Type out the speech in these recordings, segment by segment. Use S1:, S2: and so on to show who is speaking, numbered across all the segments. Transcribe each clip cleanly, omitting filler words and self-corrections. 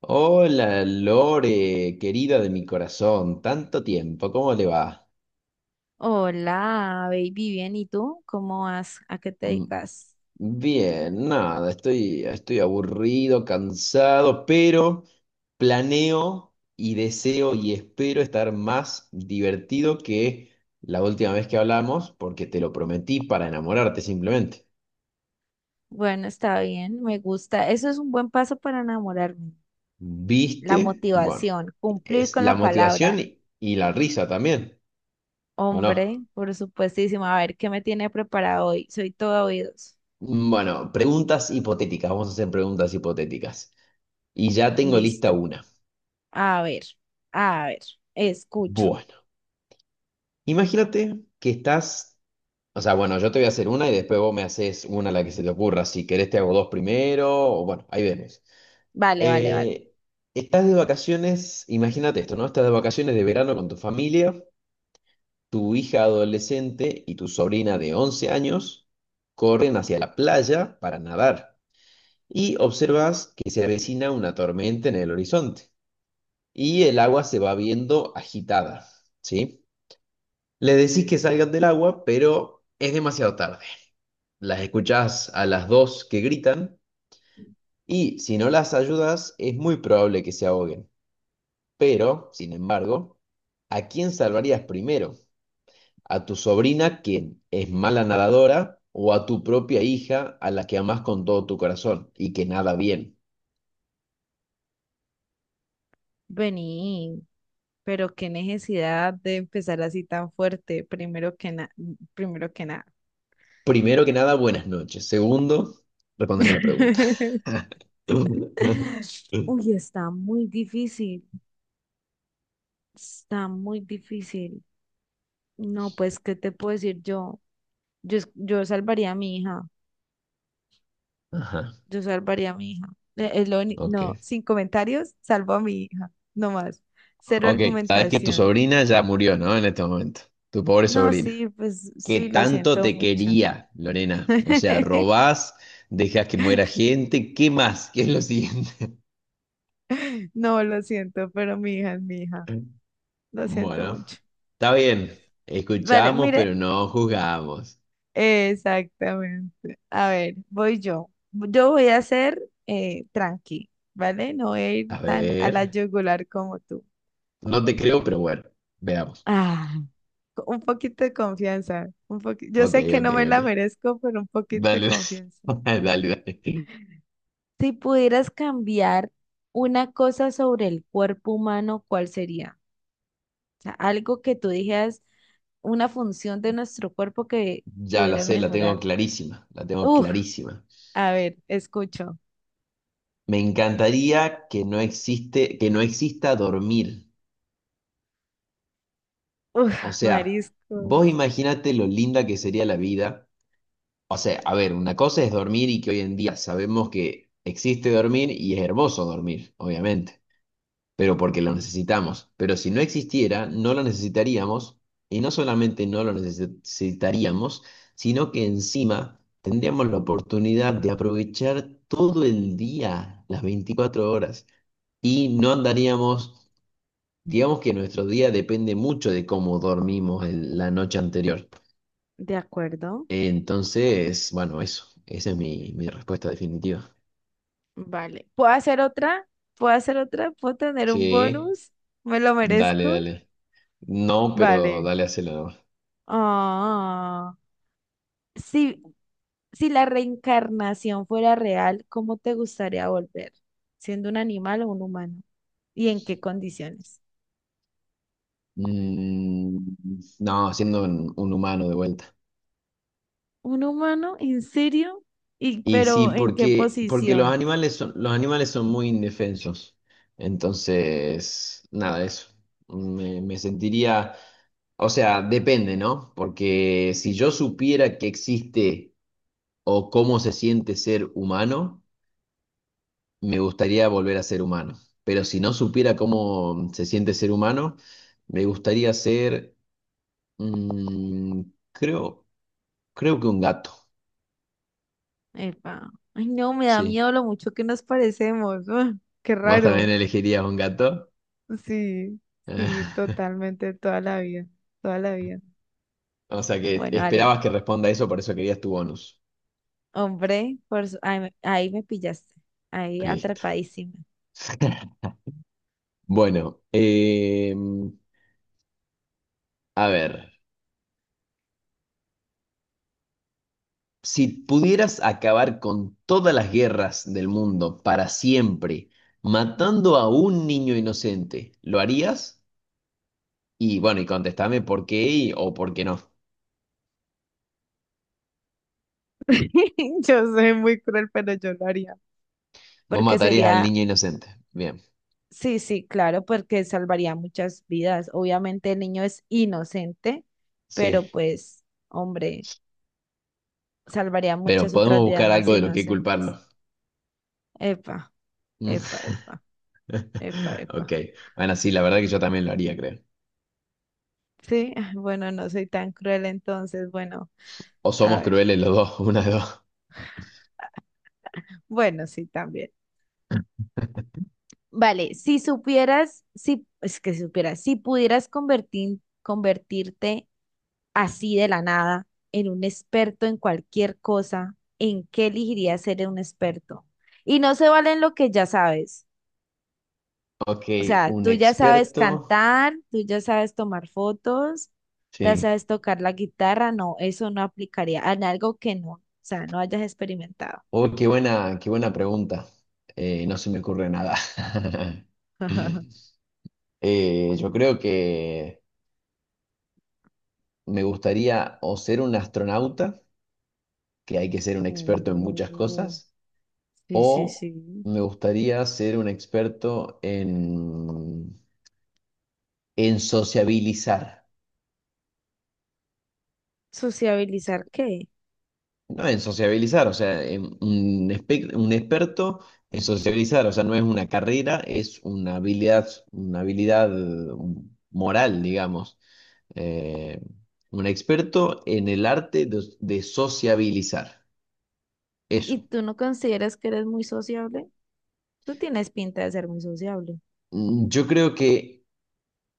S1: Hola Lore, querida de mi corazón, tanto tiempo, ¿cómo le va?
S2: Hola, baby, bien, ¿y tú? ¿Cómo vas? ¿A qué te
S1: Mm,
S2: dedicas?
S1: Bien, nada, estoy aburrido, cansado, pero planeo y deseo y espero estar más divertido que la última vez que hablamos, porque te lo prometí para enamorarte simplemente.
S2: Bueno, está bien, me gusta. Eso es un buen paso para enamorarme. La
S1: ¿Viste? Bueno,
S2: motivación, cumplir
S1: es
S2: con
S1: la
S2: la
S1: motivación
S2: palabra.
S1: y la risa también, ¿o no?
S2: Hombre, por supuestísimo. A ver, ¿qué me tiene preparado hoy? Soy todo oídos.
S1: Bueno, preguntas hipotéticas. Vamos a hacer preguntas hipotéticas. Y ya tengo lista
S2: Listo.
S1: una.
S2: A ver, a ver, escucho.
S1: Bueno, imagínate que estás, o sea, bueno, yo te voy a hacer una y después vos me haces una a la que se te ocurra. Si querés te hago dos primero, o bueno, ahí vemos.
S2: Vale, vale, vale.
S1: Eh, estás de vacaciones, imagínate esto, ¿no? Estás de vacaciones de verano con tu familia, tu hija adolescente y tu sobrina de 11 años corren hacia la playa para nadar y observas que se avecina una tormenta en el horizonte y el agua se va viendo agitada, ¿sí? Le decís que salgan del agua, pero es demasiado tarde. Las escuchás a las dos que gritan y si no las ayudas es muy probable que se ahoguen. Pero, sin embargo, ¿a quién salvarías primero? ¿A tu sobrina, quien es mala nadadora, o a tu propia hija, a la que amás con todo tu corazón y que nada bien?
S2: Vení, pero qué necesidad de empezar así tan fuerte, primero que nada, primero que nada.
S1: Primero que nada, buenas noches. Segundo, respóndeme la pregunta.
S2: Uy, está muy difícil, está muy difícil. No, pues, ¿qué te puedo decir yo? Yo, yo salvaría a mi hija,
S1: Ajá,
S2: yo salvaría a mi hija. Es
S1: ok.
S2: no, sin comentarios, salvo a mi hija, no más. Cero
S1: Ok, sabes que tu
S2: argumentación.
S1: sobrina ya murió, ¿no? En este momento. Tu pobre
S2: No,
S1: sobrina.
S2: sí, pues
S1: ¿Qué
S2: sí, lo
S1: tanto
S2: siento
S1: te
S2: mucho.
S1: quería, Lorena? O sea, robás, dejas que muera gente, ¿qué más? ¿Qué es lo siguiente?
S2: No, lo siento, pero mi hija es mi hija, lo siento
S1: Bueno,
S2: mucho.
S1: está bien.
S2: Vale,
S1: Escuchamos,
S2: mire.
S1: pero no juzgamos.
S2: Exactamente. A ver, voy yo. Yo voy a ser tranqui, ¿vale? No voy a ir
S1: A
S2: tan a la
S1: ver.
S2: yugular como tú.
S1: No te creo, pero bueno, veamos.
S2: Ah, un poquito de confianza. Yo
S1: Ok,
S2: sé que
S1: ok,
S2: no me
S1: ok.
S2: la merezco, pero un poquito de
S1: Dale,
S2: confianza.
S1: dale, dale.
S2: Si pudieras cambiar una cosa sobre el cuerpo humano, ¿cuál sería? O sea, algo que tú dijeras, una función de nuestro cuerpo que
S1: Ya la
S2: pudieras
S1: sé, la tengo
S2: mejorar.
S1: clarísima, la tengo
S2: Uf,
S1: clarísima.
S2: a ver, escucho.
S1: Me encantaría que no existe, que no exista dormir.
S2: Uf,
S1: O sea, vos
S2: mariscos.
S1: imaginate lo linda que sería la vida. O sea, a ver, una cosa es dormir y que hoy en día sabemos que existe dormir y es hermoso dormir, obviamente, pero porque lo necesitamos. Pero si no existiera, no lo necesitaríamos y no solamente no necesitaríamos, sino que encima tendríamos la oportunidad de aprovechar todo el día, las 24 horas, y no andaríamos. Digamos que nuestro día depende mucho de cómo dormimos la noche anterior.
S2: De acuerdo.
S1: Entonces, bueno, eso. Esa es mi respuesta definitiva.
S2: Vale. ¿Puedo hacer otra? ¿Puedo hacer otra? ¿Puedo tener un
S1: Sí,
S2: bonus? ¿Me lo
S1: dale,
S2: merezco?
S1: dale. No, pero
S2: Vale.
S1: dale, hacelo nomás.
S2: Ah, Si, si la reencarnación fuera real, ¿cómo te gustaría volver? ¿Siendo un animal o un humano? ¿Y en qué condiciones?
S1: Mm, no, siendo un humano de vuelta.
S2: ¿Un humano? ¿En serio? ¿Y
S1: Y sí,
S2: pero en qué
S1: porque, porque
S2: posición?
S1: los animales son muy indefensos. Entonces, nada, eso. Me sentiría, o sea, depende, ¿no? Porque si yo supiera que existe o cómo se siente ser humano, me gustaría volver a ser humano. Pero si no supiera cómo se siente ser humano, me gustaría ser, mm, creo, creo que un gato.
S2: Epa. Ay, no, me da
S1: Sí.
S2: miedo lo mucho que nos parecemos. Ah, qué
S1: ¿Vos también
S2: raro.
S1: elegirías un gato?
S2: Sí, sí, totalmente, toda la vida, toda la vida.
S1: O sea que
S2: Bueno, dale.
S1: esperabas que responda eso, por eso querías tu bonus.
S2: Hombre, ay, ahí me pillaste. Ahí
S1: Listo.
S2: atrapadísima.
S1: Bueno, a ver, si pudieras acabar con todas las guerras del mundo para siempre, matando a un niño inocente, ¿lo harías? Y bueno, y contestame por qué o por qué no.
S2: Yo soy muy cruel, pero yo lo haría.
S1: Vos
S2: Porque
S1: matarías al
S2: sería,
S1: niño inocente. Bien,
S2: sí, sí, claro, porque salvaría muchas vidas. Obviamente el niño es inocente, pero
S1: sí.
S2: pues, hombre, salvaría
S1: Pero
S2: muchas
S1: podemos
S2: otras vidas
S1: buscar
S2: más
S1: algo de lo que
S2: inocentes.
S1: culparlo.
S2: Epa,
S1: Mm.
S2: epa, epa, epa,
S1: Ok.
S2: epa.
S1: Bueno, sí, la verdad que yo también lo haría, creo.
S2: Sí, ah, bueno, no soy tan cruel entonces, bueno,
S1: O
S2: a
S1: somos
S2: ver.
S1: crueles los dos, una de dos.
S2: Bueno, sí, también. Vale, si supieras, si, es que si supieras, si pudieras convertirte así de la nada en un experto en cualquier cosa, ¿en qué elegirías ser un experto? Y no se vale en lo que ya sabes.
S1: Ok,
S2: O sea,
S1: un
S2: tú ya sabes
S1: experto.
S2: cantar, tú ya sabes tomar fotos, ya
S1: Sí.
S2: sabes tocar la guitarra. No, eso no aplicaría en algo que no, o sea, no hayas experimentado.
S1: Oh, qué buena pregunta. No se me ocurre nada. Yo creo que me gustaría o ser un astronauta, que hay que ser un experto en muchas
S2: Oh,
S1: cosas,
S2: sí, sí,
S1: o
S2: sí.
S1: me gustaría ser un experto en sociabilizar.
S2: ¿Sociabilizar qué?
S1: No en sociabilizar, o sea, un experto en sociabilizar, o sea, no es una carrera, es una habilidad moral, digamos. Eh, un experto en el arte de sociabilizar. Eso.
S2: ¿Y tú no consideras que eres muy sociable? Tú tienes pinta de ser muy sociable.
S1: Yo creo que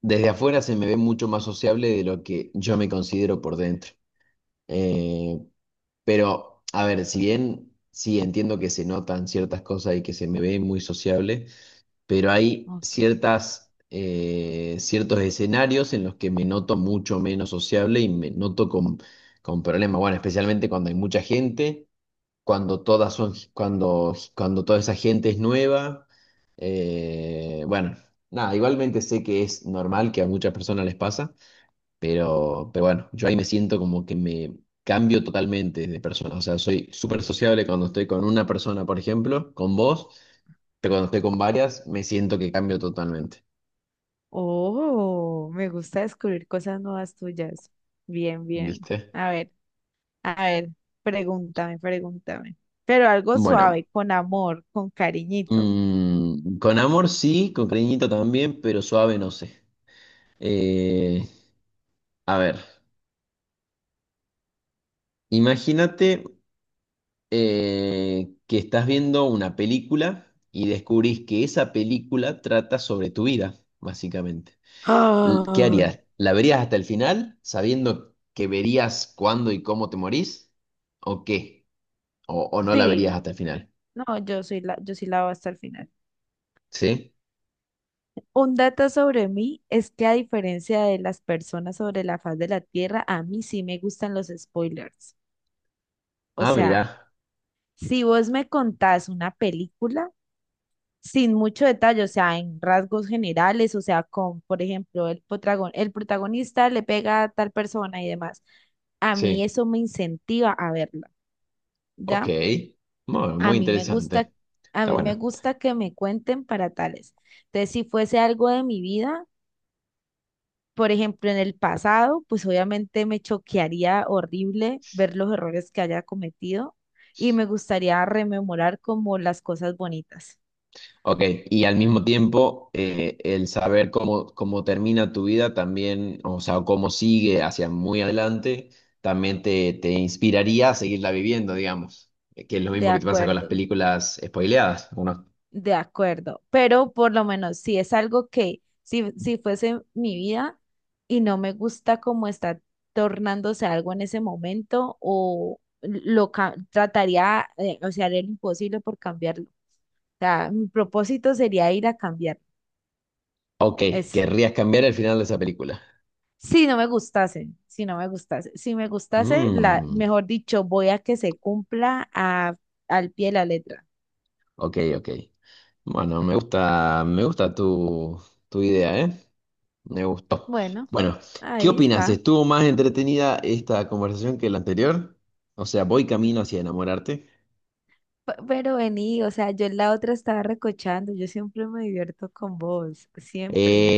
S1: desde afuera se me ve mucho más sociable de lo que yo me considero por dentro. Eh, Pero, a ver, si bien sí entiendo que se notan ciertas cosas y que se me ve muy sociable, pero hay
S2: Ok.
S1: ciertas, ciertos escenarios en los que me noto mucho menos sociable y me noto con problemas. Bueno, especialmente cuando hay mucha gente, cuando todas son, cuando toda esa gente es nueva. Bueno, nada, igualmente sé que es normal que a muchas personas les pasa pero bueno, yo ahí me siento como que me cambio totalmente de persona. O sea, soy súper sociable cuando estoy con una persona, por ejemplo, con vos, pero cuando estoy con varias, me siento que cambio totalmente.
S2: Oh, me gusta descubrir cosas nuevas tuyas. Bien, bien.
S1: ¿Viste?
S2: A ver, a ver, pregúntame, pregúntame. Pero algo
S1: Bueno,
S2: suave, con amor, con cariñito.
S1: con amor sí, con cariñito también, pero suave no sé. Eh, a ver, imagínate que estás viendo una película y descubrís que esa película trata sobre tu vida, básicamente. ¿Qué
S2: Ah,
S1: harías? ¿La verías hasta el final, sabiendo que verías cuándo y cómo te morís? ¿O qué? O no la verías
S2: sí,
S1: hasta el final?
S2: no, yo soy la, yo sí la voy hasta el final.
S1: ¿Sí?
S2: Un dato sobre mí es que a diferencia de las personas sobre la faz de la Tierra, a mí sí me gustan los spoilers. O
S1: Ah,
S2: sea,
S1: mira.
S2: si vos me contás una película sin mucho detalle, o sea, en rasgos generales, o sea, con, por ejemplo, el el protagonista le pega a tal persona y demás, a mí
S1: Sí.
S2: eso me incentiva a verla,
S1: Ok.
S2: ¿ya?
S1: Muy,
S2: A
S1: muy
S2: mí me gusta,
S1: interesante. Está bueno.
S2: que me cuenten para tales. Entonces, si fuese algo de mi vida, por ejemplo, en el pasado, pues obviamente me choquearía horrible ver los errores que haya cometido y me gustaría rememorar como las cosas bonitas.
S1: Ok. Y al mismo tiempo, el saber cómo termina tu vida también, o sea, cómo sigue hacia muy adelante, también te inspiraría a seguirla viviendo, digamos. Que es lo
S2: De
S1: mismo que te pasa con las
S2: acuerdo,
S1: películas spoileadas. Uno
S2: de acuerdo. Pero por lo menos si es algo que, si, fuese mi vida y no me gusta cómo está tornándose algo en ese momento, o trataría, o sea, haría lo imposible por cambiarlo. O sea, mi propósito sería ir a cambiarlo.
S1: ok,
S2: Eso.
S1: querrías cambiar el final de esa película.
S2: Si no me gustase, si me gustase,
S1: Mm,
S2: mejor dicho, voy a que se cumpla al pie de la letra.
S1: ok, ok. Bueno, me gusta tu idea, ¿eh? Me gustó.
S2: Bueno,
S1: Bueno, ¿qué
S2: ahí
S1: opinas?
S2: está.
S1: ¿Estuvo más entretenida esta conversación que la anterior? O sea, voy camino hacia enamorarte.
S2: Pero vení, o sea, yo en la otra estaba recochando, yo siempre me divierto con vos, siempre.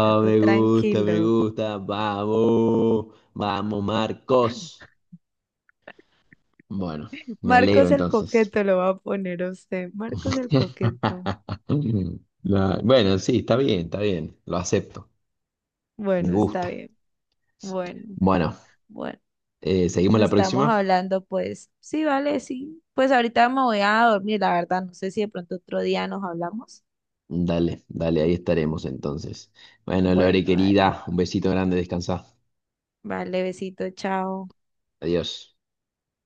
S2: A tú
S1: me gusta, me
S2: tranquilo.
S1: gusta. Vamos, vamos, Marcos. Bueno, me alegro
S2: Marcos el
S1: entonces.
S2: coqueto lo va a poner a usted. Marcos el coqueto.
S1: No, bueno, sí, está bien, lo acepto. Me
S2: Bueno, está
S1: gusta.
S2: bien. Bueno,
S1: Bueno,
S2: bueno.
S1: seguimos
S2: Nos
S1: la
S2: estamos
S1: próxima.
S2: hablando, pues. Sí, vale, sí. Pues ahorita me voy a dormir, la verdad. No sé si de pronto otro día nos hablamos.
S1: Dale, dale, ahí estaremos entonces. Bueno, Lore
S2: Bueno, dale.
S1: querida, un besito grande, descansa.
S2: Vale, besito, chao.
S1: Adiós.